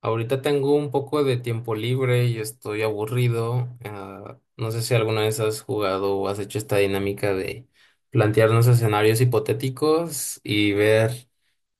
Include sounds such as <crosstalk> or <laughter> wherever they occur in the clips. Ahorita tengo un poco de tiempo libre y estoy aburrido. No sé si alguna vez has jugado o has hecho esta dinámica de plantearnos escenarios hipotéticos y ver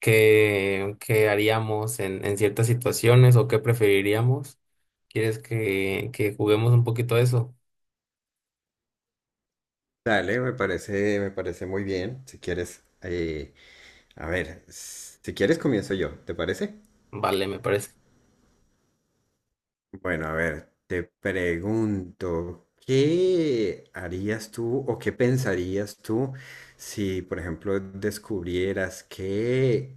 qué haríamos en ciertas situaciones o qué preferiríamos. ¿Quieres que juguemos un poquito a eso? Dale, me parece muy bien. Si quieres, a ver, si quieres comienzo yo, ¿te parece? Vale, me parece. Bueno, a ver, te pregunto, ¿qué harías tú o qué pensarías tú si, por ejemplo, descubrieras que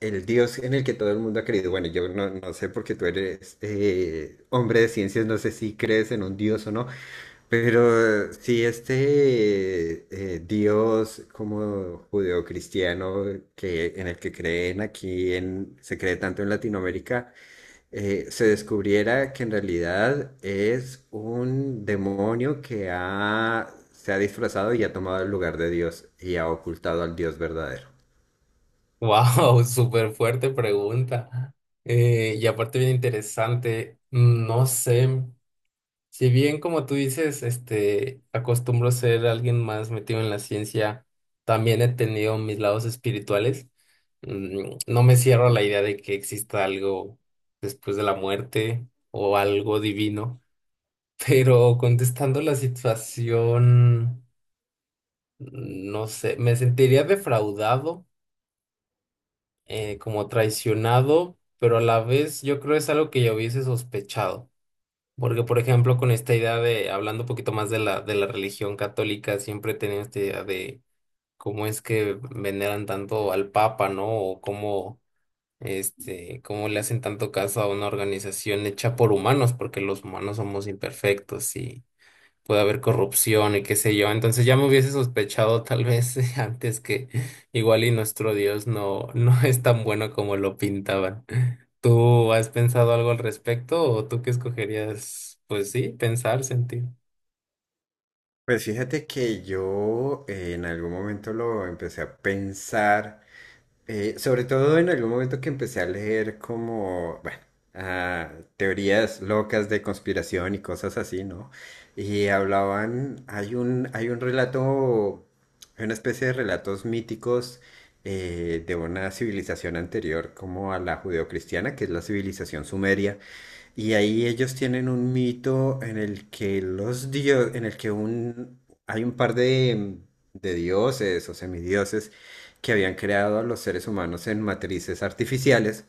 el Dios en el que todo el mundo ha creído? Bueno, yo no sé porque tú eres hombre de ciencias, no sé si crees en un Dios o no, pero si Dios como judeocristiano en el que creen aquí, se cree tanto en Latinoamérica, se descubriera que en realidad es un demonio que se ha disfrazado y ha tomado el lugar de Dios y ha ocultado al Dios verdadero. Wow, <laughs> súper fuerte pregunta. Y aparte bien interesante. No sé. Si bien, como tú dices, este, acostumbro ser alguien más metido en la ciencia, también he tenido mis lados espirituales. No me cierro a la idea de que exista algo después de la muerte o algo divino, <laughs> pero contestando la situación, no sé, me sentiría defraudado, como traicionado, pero a la vez yo creo es algo que ya hubiese sospechado. Porque, por ejemplo, con esta idea de, hablando un poquito más de la religión católica, siempre he tenido esta idea de cómo es que veneran tanto al Papa, ¿no? O cómo, este, cómo le hacen tanto caso a una organización hecha por humanos, porque los humanos somos imperfectos y puede haber corrupción y qué sé yo. Entonces ya me hubiese sospechado tal vez <laughs> antes que igual y nuestro Dios no, <laughs> no es tan bueno como lo pintaban. ¿Tú has pensado algo al respecto o tú qué escogerías? Pues sí, pensar, sentir. Pues fíjate que yo en algún momento lo empecé a pensar, sobre todo en algún momento que empecé a leer como, bueno, ah, teorías locas de conspiración y cosas así, ¿no? Y hablaban, hay un relato, hay una especie de relatos míticos de una civilización anterior como a la judeocristiana, que es la civilización sumeria. Y ahí ellos tienen un mito en el que los dios, en el que un, hay un par de dioses o semidioses que habían creado a los seres humanos en matrices artificiales.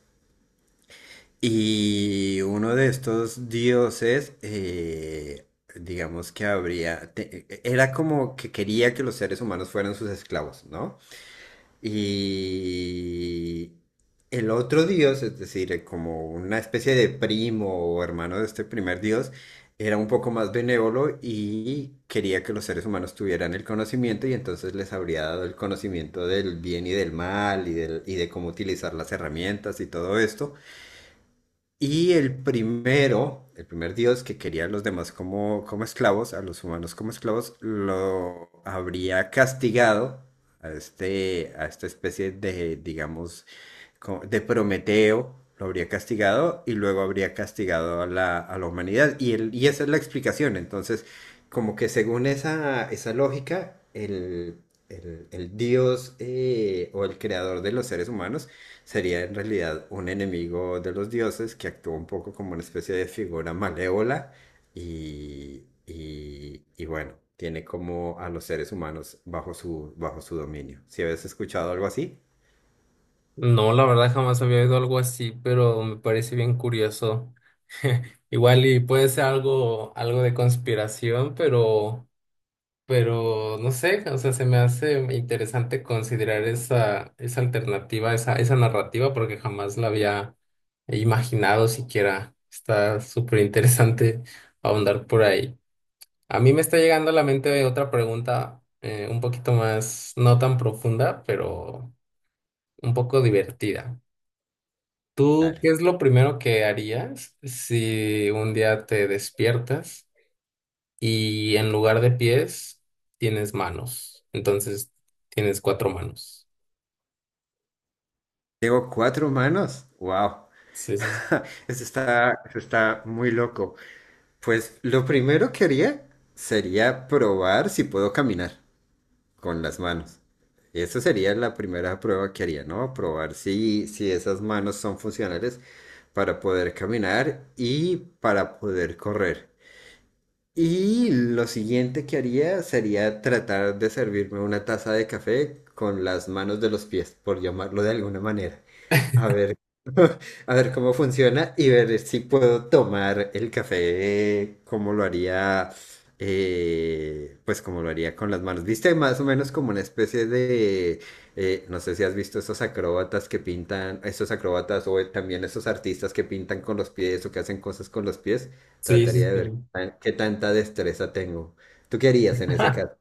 Y uno de estos dioses, digamos que era como que quería que los seres humanos fueran sus esclavos, ¿no? Y el otro dios, es decir, como una especie de primo o hermano de este primer dios, era un poco más benévolo y quería que los seres humanos tuvieran el conocimiento, y entonces les habría dado el conocimiento del bien y del mal y, del- y de cómo utilizar las herramientas y todo esto. Y el primero, el primer dios que quería a los demás como, como esclavos, a los humanos como esclavos, lo habría castigado a, este, a esta especie de, digamos, de Prometeo, lo habría castigado y luego habría castigado a a la humanidad. Y, el- y esa es la explicación. Entonces, como que según esa lógica, el dios o el creador de los seres humanos sería en realidad un enemigo de los dioses, que actúa un poco como una especie de figura malévola y bueno. Tiene como a los seres humanos bajo bajo su dominio. Si habías escuchado algo así, No, la verdad jamás había oído algo así, pero me parece bien curioso. <laughs> Igual y puede ser algo, algo de conspiración, pero no sé, o sea, se me hace interesante considerar esa alternativa, esa narrativa, porque jamás la había imaginado siquiera. Está súper interesante ahondar por ahí. A mí me está llegando a la mente otra pregunta, un poquito más, no tan profunda, pero un poco divertida. ¿Tú dale. qué es lo primero que harías si un día te despiertas y en lugar de pies tienes manos? Entonces tienes cuatro manos. Tengo cuatro manos. Wow. Sí, sí, <laughs> eso está muy loco. Pues lo primero que haría sería probar si puedo caminar con las manos. Eso sería la primera prueba que haría, ¿no? Probar si, si esas manos son funcionales para poder caminar y para poder correr. Y lo siguiente que haría sería tratar de servirme una taza de café con las manos de los pies, por llamarlo de alguna manera. A ver, <laughs> a ver cómo funciona y ver si puedo tomar el café como lo haría, pues como lo haría con las manos. Viste, más o menos como una especie de, no sé si has visto esos acróbatas que pintan, esos acróbatas o también esos artistas que pintan con los pies o que hacen cosas con los pies. sí, sí, Trataría sí, de ver sí. Qué tanta destreza tengo. ¿Tú qué harías en ese <laughs> caso?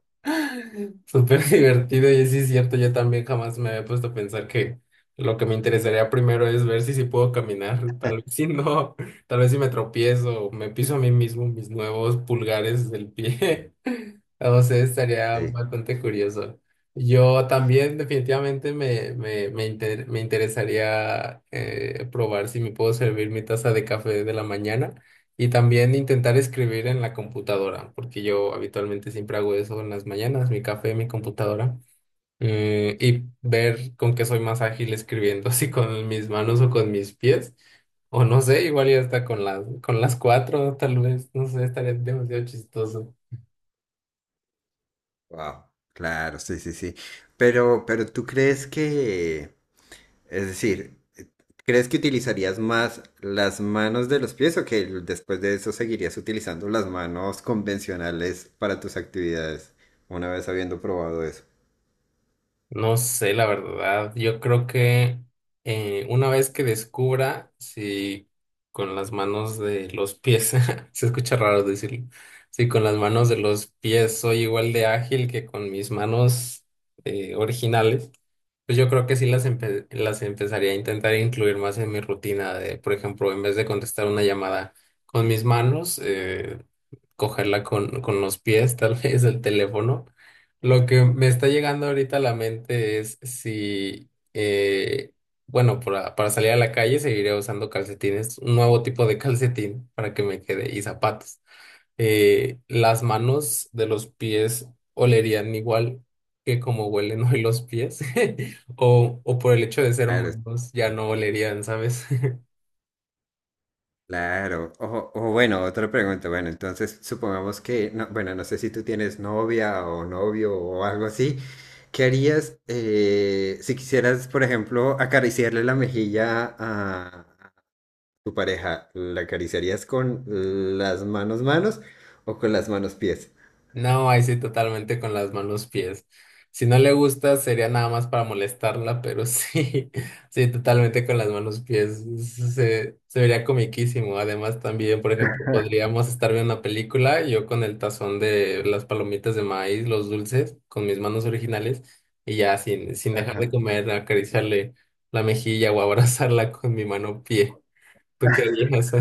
Súper divertido, y sí es cierto, yo también jamás me había puesto a pensar que lo que me interesaría primero es ver si sí puedo caminar. Tal vez si no, <laughs> tal vez si me tropiezo o me piso a mí mismo mis nuevos pulgares del pie, <laughs> o sea, estaría Sí, bastante curioso. Yo también definitivamente me interesaría probar si me puedo servir mi taza de café de la mañana. Y también intentar escribir en la computadora, porque yo habitualmente siempre hago eso en las mañanas, mi café, mi computadora, y ver con qué soy más ágil escribiendo, <laughs> si con mis manos o con mis pies, o no sé, igual ya hasta con las cuatro, tal vez, no sé, estaría demasiado chistoso. wow, claro, sí, sí, sí. Pero ¿tú crees que... Es decir, ¿crees que utilizarías más las manos de los pies o que después de eso seguirías utilizando las manos convencionales para tus actividades una vez habiendo probado eso? No sé, la verdad. Yo creo que una vez que descubra si con las manos de los pies, <laughs> se escucha raro decirlo, si con las manos de los pies soy igual de ágil que con mis manos originales, pues yo creo que sí las, empe- las empezaría a intentar incluir más en mi rutina de, por ejemplo, en vez de contestar una llamada con mis manos, cogerla con los pies, <laughs> tal vez el teléfono. Lo que me está llegando ahorita a la mente es si, bueno, para salir a la calle seguiré usando calcetines, un nuevo tipo de <laughs> calcetín para que me quede y zapatos. Las manos de los pies olerían igual que como huelen <laughs> hoy los pies, <laughs> o por el hecho de ser Claro, es- manos ya no olerían, ¿sabes? claro. O bueno, otra pregunta. Bueno, entonces supongamos que, no, bueno, no sé si tú tienes novia o novio o algo así. ¿Qué harías si quisieras, por ejemplo, acariciarle la mejilla a tu pareja? ¿La acariciarías con las manos manos o con las manos pies? No, ahí sí totalmente con las manos pies. Si no le gusta, sería nada más para molestarla, pero sí, <laughs> sí, totalmente con las manos pies. Se vería comiquísimo. Además, también, por ejemplo, podríamos estar viendo una película, yo con el tazón de las palomitas de maíz, los dulces, con mis manos originales, y ya sin, sin dejar de Ajá. comer, acariciarle la mejilla o abrazarla con mi mano pie. ¿Tú qué harías? <laughs>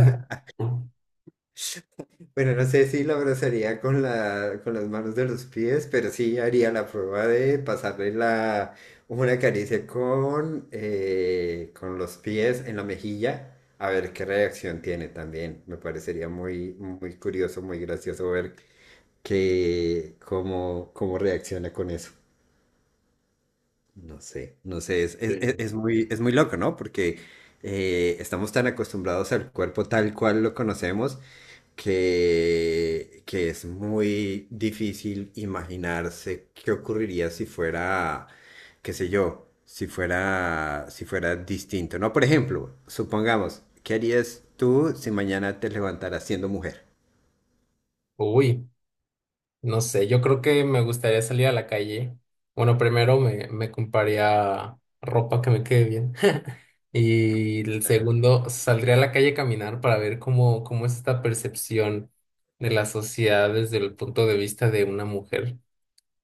Bueno, no sé si la abrazaría con con las manos de los pies, pero sí haría la prueba de pasarle una caricia con los pies en la mejilla, a ver qué reacción tiene también. Me parecería muy, muy curioso, muy gracioso ver que, cómo, cómo reacciona con eso. No sé, no sé, Sí. Es muy loco, ¿no? Porque estamos tan acostumbrados al cuerpo tal cual lo conocemos que es muy difícil imaginarse qué ocurriría si fuera, qué sé yo, si fuera distinto, ¿no? Por ejemplo, supongamos, ¿qué harías tú si mañana te levantaras siendo mujer? Uy. No sé, yo creo que me gustaría salir a la calle. Bueno, primero me compraría ropa que me quede bien. <laughs> Y el segundo, saldría a la calle a caminar para ver cómo, cómo es esta percepción de la sociedad desde el punto de vista de una mujer,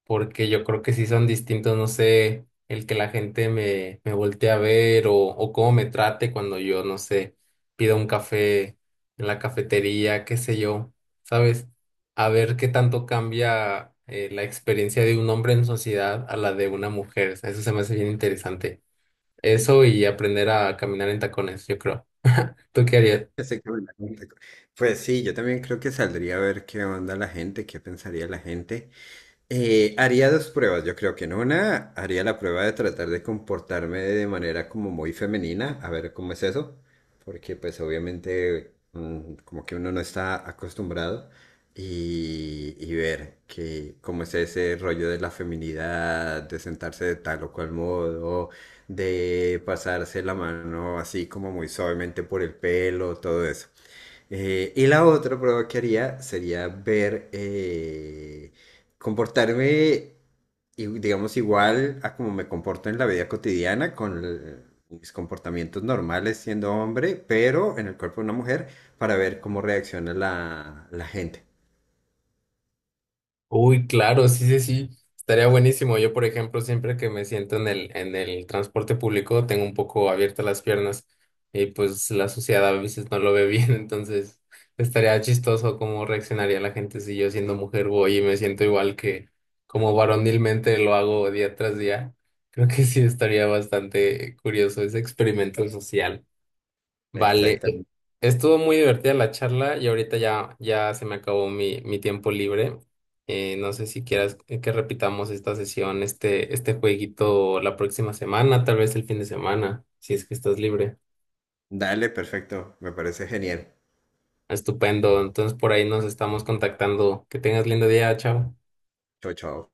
porque yo creo que sí son distintos, no sé, el que la gente me, me voltee a ver o cómo me trate cuando yo, no sé, pido un café en la cafetería, qué sé yo, ¿sabes? A ver qué tanto cambia la experiencia de un hombre en sociedad a la de una mujer. O sea, eso se me hace bien interesante. Eso y aprender a caminar en tacones, yo creo. ¿Tú qué harías? Exactamente. Pues sí, yo también creo que saldría a ver qué onda la gente, qué pensaría la gente. Haría dos pruebas. Yo creo que en una haría la prueba de tratar de comportarme de manera como muy femenina, a ver cómo es eso, porque pues obviamente como que uno no está acostumbrado. Y, y ver que cómo es ese rollo de la feminidad, de sentarse de tal o cual modo, de pasarse la mano así como muy suavemente por el pelo, todo eso. Y la otra prueba que haría sería ver, comportarme, digamos, igual a como me comporto en la vida cotidiana, con mis comportamientos normales siendo hombre, pero en el cuerpo de una mujer, para ver cómo reacciona la gente. Uy, claro, sí, sí, sí, estaría buenísimo. Yo, por ejemplo, siempre que me siento en el transporte público, tengo un poco abiertas las piernas, y pues la sociedad a veces no lo ve bien, <laughs> entonces estaría chistoso cómo reaccionaría la gente si yo siendo mujer voy y me siento igual que como varonilmente lo hago día tras día. Creo que sí estaría bastante curioso ese experimento social. Vale, e- Exactamente. estuvo muy divertida la charla y ahorita ya, ya se me acabó mi, mi tiempo libre. No sé si quieras que repitamos esta sesión, este jueguito la próxima semana, tal vez el fin de semana, si es que estás libre. Dale, perfecto. Me parece genial. Estupendo, entonces por ahí nos estamos contactando. Que tengas lindo día, chao. Chao, chao.